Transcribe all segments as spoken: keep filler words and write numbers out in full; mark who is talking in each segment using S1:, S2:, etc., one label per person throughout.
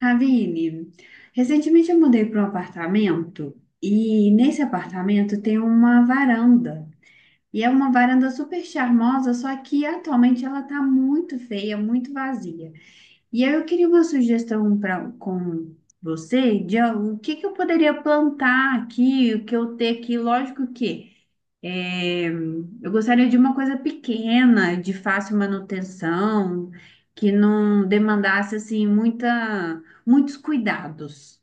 S1: Aline, recentemente eu mudei para um apartamento e nesse apartamento tem uma varanda. E é uma varanda super charmosa, só que atualmente ela está muito feia, muito vazia. E aí eu queria uma sugestão pra, com você de ah, o que que eu poderia plantar aqui, o que eu ter aqui. Lógico que. É, eu gostaria de uma coisa pequena, de fácil manutenção, que não demandasse assim muita, muitos cuidados.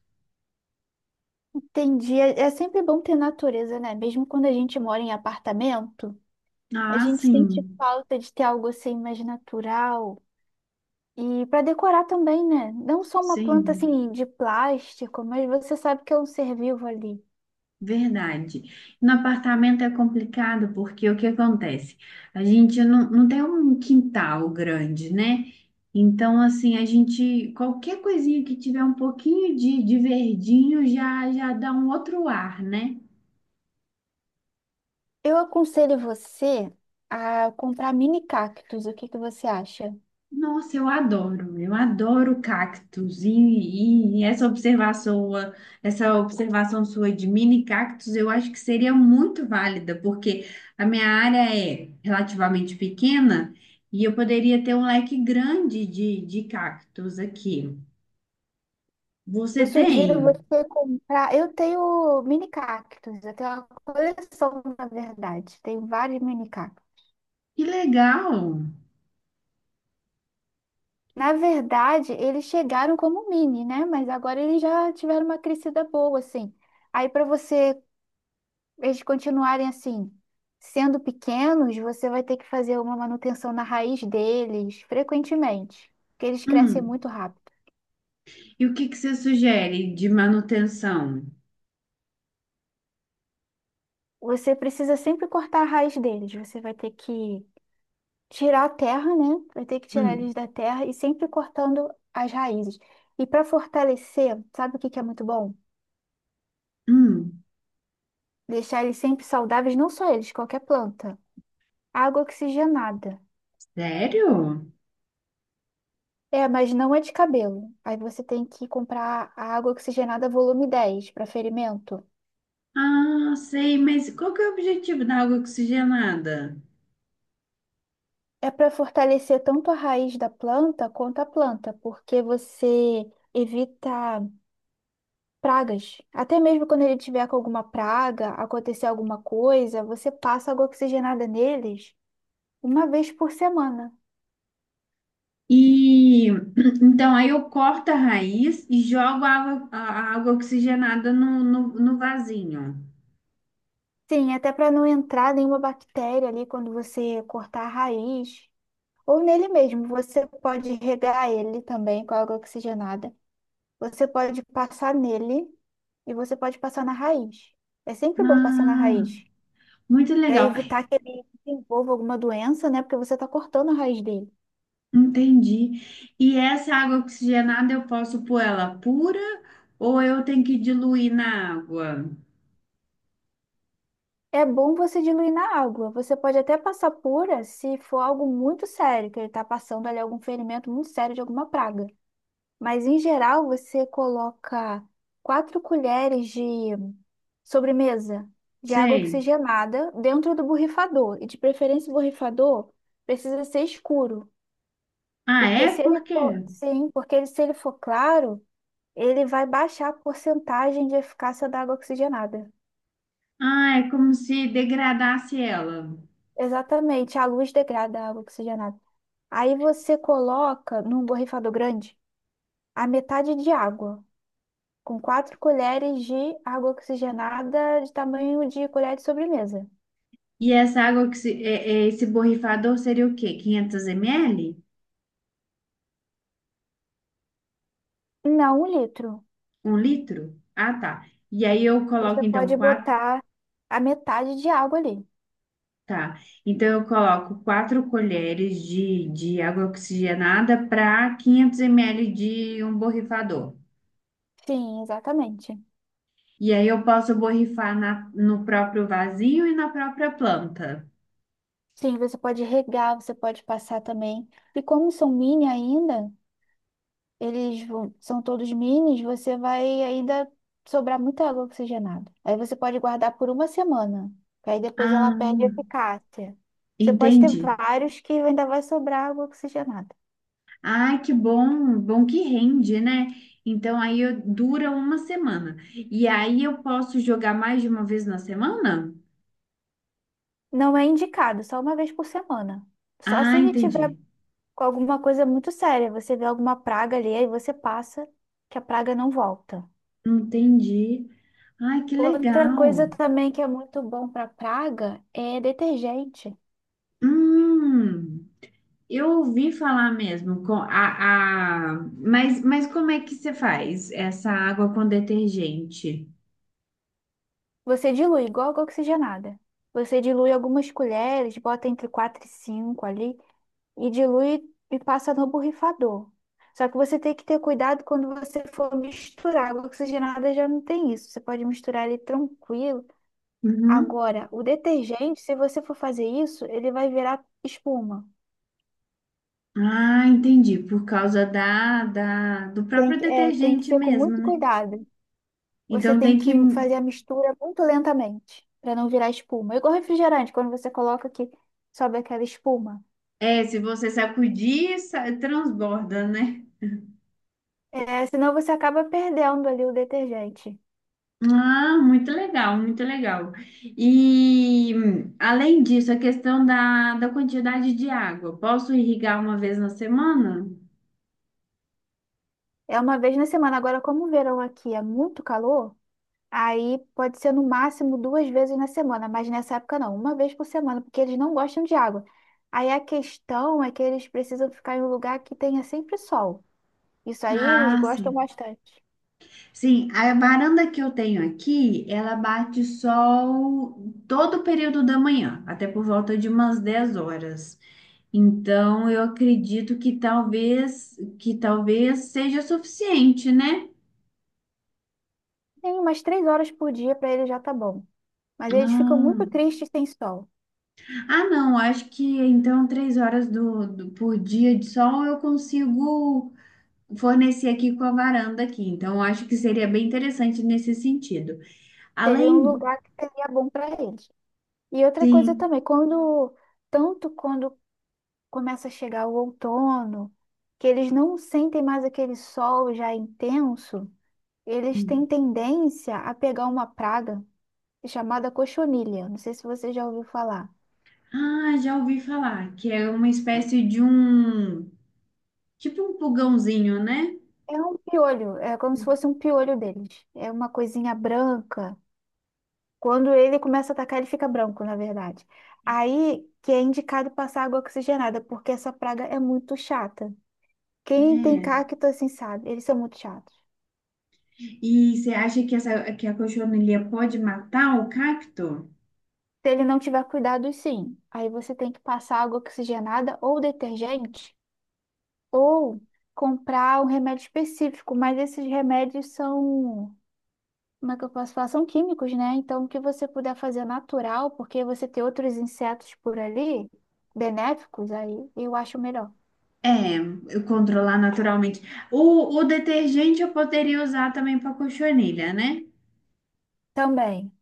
S2: Entendi. É é sempre bom ter natureza, né? Mesmo quando a gente mora em apartamento, a
S1: Ah,
S2: gente sente
S1: sim,
S2: falta de ter algo assim mais natural. E para decorar também, né? Não só uma planta
S1: sim,
S2: assim de plástico, mas você sabe que é um ser vivo ali.
S1: verdade. No apartamento é complicado porque o que acontece? A gente não, não tem um quintal grande, né? Então, assim, a gente, qualquer coisinha que tiver um pouquinho de, de verdinho já, já dá um outro ar, né?
S2: Eu aconselho você a comprar mini cactos. O que que você acha?
S1: Nossa, eu adoro, eu adoro cactos e, e- e essa observação, sua- essa observação sua de mini cactos, eu acho que seria muito válida, porque a minha área é relativamente pequena e eu poderia ter um leque grande de, de cactos aqui.
S2: Eu
S1: Você
S2: sugiro
S1: tem?
S2: você comprar. Eu tenho mini cactos, eu tenho uma coleção, na verdade. Tenho vários mini cactos.
S1: Que legal!
S2: Na verdade, eles chegaram como mini, né? Mas agora eles já tiveram uma crescida boa, assim. Aí, para você, eles continuarem assim, sendo pequenos, você vai ter que fazer uma manutenção na raiz deles frequentemente, porque eles crescem
S1: Hum,
S2: muito rápido.
S1: E o que que você sugere de manutenção?
S2: Você precisa sempre cortar a raiz deles. Você vai ter que tirar a terra, né? Vai ter que tirar
S1: Hum.
S2: eles da terra e sempre cortando as raízes. E para fortalecer, sabe o que que é muito bom?
S1: Hum.
S2: Deixar eles sempre saudáveis, não só eles, qualquer planta. Água oxigenada.
S1: Sério?
S2: É, mas não é de cabelo. Aí você tem que comprar a água oxigenada volume dez para ferimento.
S1: Ah, sei, mas qual que é o objetivo da água oxigenada?
S2: É para fortalecer tanto a raiz da planta quanto a planta, porque você evita pragas. Até mesmo quando ele tiver com alguma praga, acontecer alguma coisa, você passa água oxigenada neles uma vez por semana.
S1: E então aí eu corto a raiz e jogo a água, a a água oxigenada no, no, no vasinho.
S2: Sim, até para não entrar nenhuma bactéria ali quando você cortar a raiz. Ou nele mesmo, você pode regar ele também com água oxigenada. Você pode passar nele e você pode passar na raiz. É sempre bom passar na
S1: Ah,
S2: raiz,
S1: muito
S2: para
S1: legal.
S2: evitar que ele desenvolva alguma doença, né? Porque você está cortando a raiz dele.
S1: Entendi. E essa água oxigenada eu posso pôr ela pura ou eu tenho que diluir na água?
S2: É bom você diluir na água. Você pode até passar pura se for algo muito sério, que ele está passando ali algum ferimento muito sério de alguma praga. Mas em geral você coloca quatro colheres de sobremesa de água
S1: Sei.
S2: oxigenada dentro do borrifador. E de preferência o borrifador precisa ser escuro,
S1: Ah,
S2: porque
S1: é?
S2: se ele
S1: Por
S2: for,
S1: quê?
S2: sim, porque ele- se ele for claro, ele vai baixar a porcentagem de eficácia da água oxigenada.
S1: Ah, é como se degradasse ela.
S2: Exatamente, a luz degrada a água oxigenada. Aí você coloca num borrifador grande a metade de água, com quatro colheres de água oxigenada de tamanho de colher de sobremesa.
S1: E essa água que se, é- é esse borrifador seria o quê? quinhentos mililitros?
S2: Não, um litro.
S1: Um litro? Ah, tá. E aí eu coloco
S2: Você
S1: então
S2: pode
S1: quatro,
S2: botar a metade de água ali.
S1: tá? Então eu coloco quatro colheres de, de água oxigenada para quinhentos mililitros de um borrifador.
S2: Sim, exatamente.
S1: E aí eu posso borrifar na, no próprio vasinho e na própria planta.
S2: Sim, você pode regar, você pode passar também. E como são mini ainda, eles vão- são todos minis, você vai ainda sobrar muita água oxigenada. Aí você pode guardar por uma semana, que aí depois ela
S1: Ah,
S2: perde eficácia. Você pode ter
S1: entendi.
S2: vários que ainda vai sobrar água oxigenada.
S1: Ai, que bom, bom que rende, né? Então aí eu- dura uma semana. E aí eu posso jogar mais de uma vez na semana?
S2: Não é indicado, só uma vez por semana. Só se
S1: Ah,
S2: ele tiver
S1: entendi.
S2: com alguma coisa muito séria, você vê alguma praga ali, aí você passa, que a praga não volta.
S1: Entendi. Ai, que
S2: Outra coisa
S1: legal.
S2: também que é muito bom para praga é detergente.
S1: Hum, eu ouvi falar mesmo com a, a... Mas, mas como é que você faz essa água com detergente?
S2: Você dilui igual água oxigenada. Você dilui algumas colheres, bota entre quatro e cinco ali, e dilui e passa no borrifador. Só que você tem que ter cuidado quando você for misturar. Água oxigenada já não tem isso. Você pode misturar ele tranquilo.
S1: Uhum.
S2: Agora, o detergente, se você for fazer isso, ele vai virar espuma.
S1: Ah, entendi. Por causa da, da, do
S2: Tem
S1: próprio
S2: que, é, tem que
S1: detergente
S2: ser com
S1: mesmo,
S2: muito
S1: né?
S2: cuidado. Você
S1: Então
S2: tem
S1: tem
S2: que
S1: que
S2: fazer a mistura muito lentamente, para não virar espuma. Igual refrigerante, quando você coloca que sobe aquela espuma.
S1: É, se você sacudir, sa- transborda, né?
S2: É, senão você acaba perdendo ali o detergente.
S1: Ah, muito legal, muito legal. E hum, além disso, a questão da, da quantidade de água. Posso irrigar uma vez na semana?
S2: É uma vez na semana. Agora, como o verão aqui é muito calor, aí pode ser no máximo duas vezes na semana, mas nessa época não, uma vez por semana, porque eles não gostam de água. Aí a questão é que eles precisam ficar em um lugar que tenha sempre sol. Isso aí eles
S1: Ah,
S2: gostam
S1: sim.
S2: bastante.
S1: Sim, a varanda que eu tenho aqui, ela bate sol todo o período da manhã, até por volta de umas dez horas. Então, eu acredito que talvez que talvez seja suficiente, né?
S2: Tem umas três horas por dia para eles já tá bom. Mas eles ficam muito
S1: Ah.
S2: tristes sem sol.
S1: Ah, não, acho que então três horas do, do- por dia de sol eu consigo fornecer aqui com a varanda aqui. Então, acho que seria bem interessante nesse sentido.
S2: Seria um
S1: Além,
S2: lugar que seria bom para eles. E outra coisa
S1: sim.
S2: também, quando tanto quando começa a chegar o outono, que eles não sentem mais aquele sol já intenso. Eles têm
S1: Hum.
S2: tendência a pegar uma praga chamada cochonilha. Não sei se você já ouviu falar.
S1: Ah, já ouvi falar que é uma espécie de um, tipo um pulgãozinho, né?
S2: É um piolho, é como se fosse um piolho deles. É uma coisinha branca. Quando ele começa a atacar, ele fica branco, na verdade. Aí que é indicado passar água oxigenada, porque essa praga é muito chata. Quem tem
S1: É.
S2: cacto assim sabe, eles são muito chatos.
S1: E você acha que essa que a cochonilha pode matar o cacto?
S2: Se ele não tiver cuidado, sim. Aí você tem que passar água oxigenada ou detergente, ou comprar um remédio específico, mas esses remédios são, como é que eu posso falar? São químicos, né? Então, o que você puder fazer natural, porque você tem outros insetos por ali, benéficos, aí eu acho melhor.
S1: É, eu controlar naturalmente. O, o detergente eu poderia usar também para cochonilha, né?
S2: Também,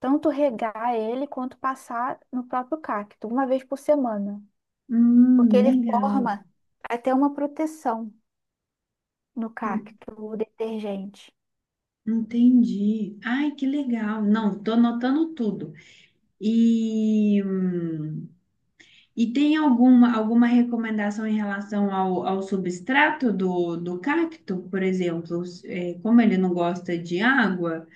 S2: tanto regar ele quanto passar no próprio cacto, uma vez por semana, porque
S1: Hum,
S2: ele
S1: legal.
S2: forma até uma proteção no
S1: En-
S2: cacto, o detergente.
S1: Entendi. Ai, que legal. Não, tô anotando tudo. E, hum, e tem alguma, alguma recomendação em relação ao, ao substrato do, do cacto, por exemplo? S- é, como ele não gosta de água,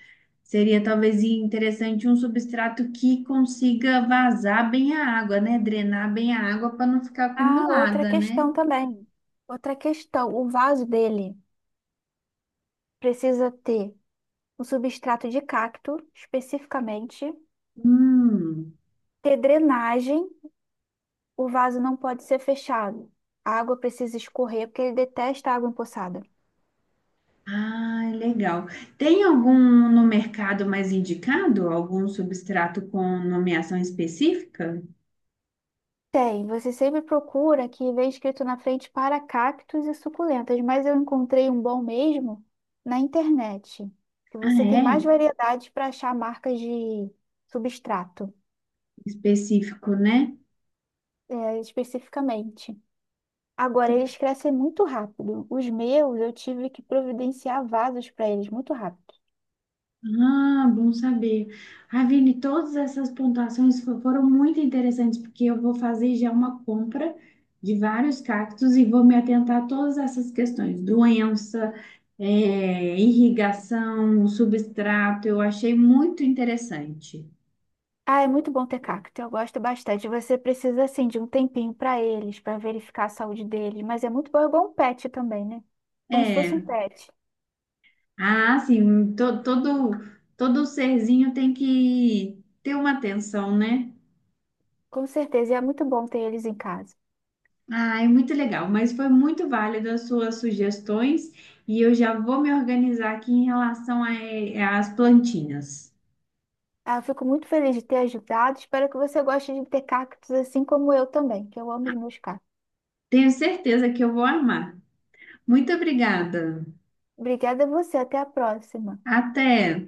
S1: seria talvez interessante um substrato que consiga vazar bem a água, né? Drenar bem a água para não ficar
S2: Ah, outra
S1: acumulada, né?
S2: questão também. Outra questão, o vaso dele precisa ter um substrato de cacto, especificamente,
S1: Hum.
S2: ter drenagem, o vaso não pode ser fechado. A água precisa escorrer porque ele detesta água empoçada.
S1: Ah, legal. Tem algum no mercado mais indicado? Algum substrato com nomeação específica?
S2: Tem, você sempre procura que vem escrito na frente para cactos e suculentas, mas eu encontrei um bom mesmo na internet, que
S1: Ah,
S2: você tem mais
S1: é?
S2: variedade para achar marcas de substrato,
S1: Específico, né?
S2: é, especificamente. Agora, eles crescem muito rápido. Os meus, eu tive que providenciar vasos para eles muito rápido.
S1: Ah, bom saber. Ah, Vini, todas essas pontuações fo- foram muito interessantes, porque eu vou fazer já uma compra de vários cactos e vou me atentar a todas essas questões: doença, eh, irrigação, substrato. Eu achei muito interessante.
S2: Ah, é muito bom ter cacto, eu gosto bastante. Você precisa, assim, de um tempinho para eles, para verificar a saúde deles, mas é muito bom, é igual um pet também, né? Como se fosse um
S1: É.
S2: pet.
S1: Ah, sim, um, to- todo, todo serzinho tem que ter uma atenção, né?
S2: Com certeza, e é muito bom ter eles em casa.
S1: Ah, é muito legal, mas foi muito válido as suas sugestões e eu já vou me organizar aqui em relação a- é, às plantinhas.
S2: Ah, eu fico muito feliz de ter ajudado, espero que você goste de ter cactos assim como eu também, que eu amo os meus cactos.
S1: Tenho certeza que eu vou amar. Muito obrigada.
S2: Obrigada a você, até a próxima.
S1: Até!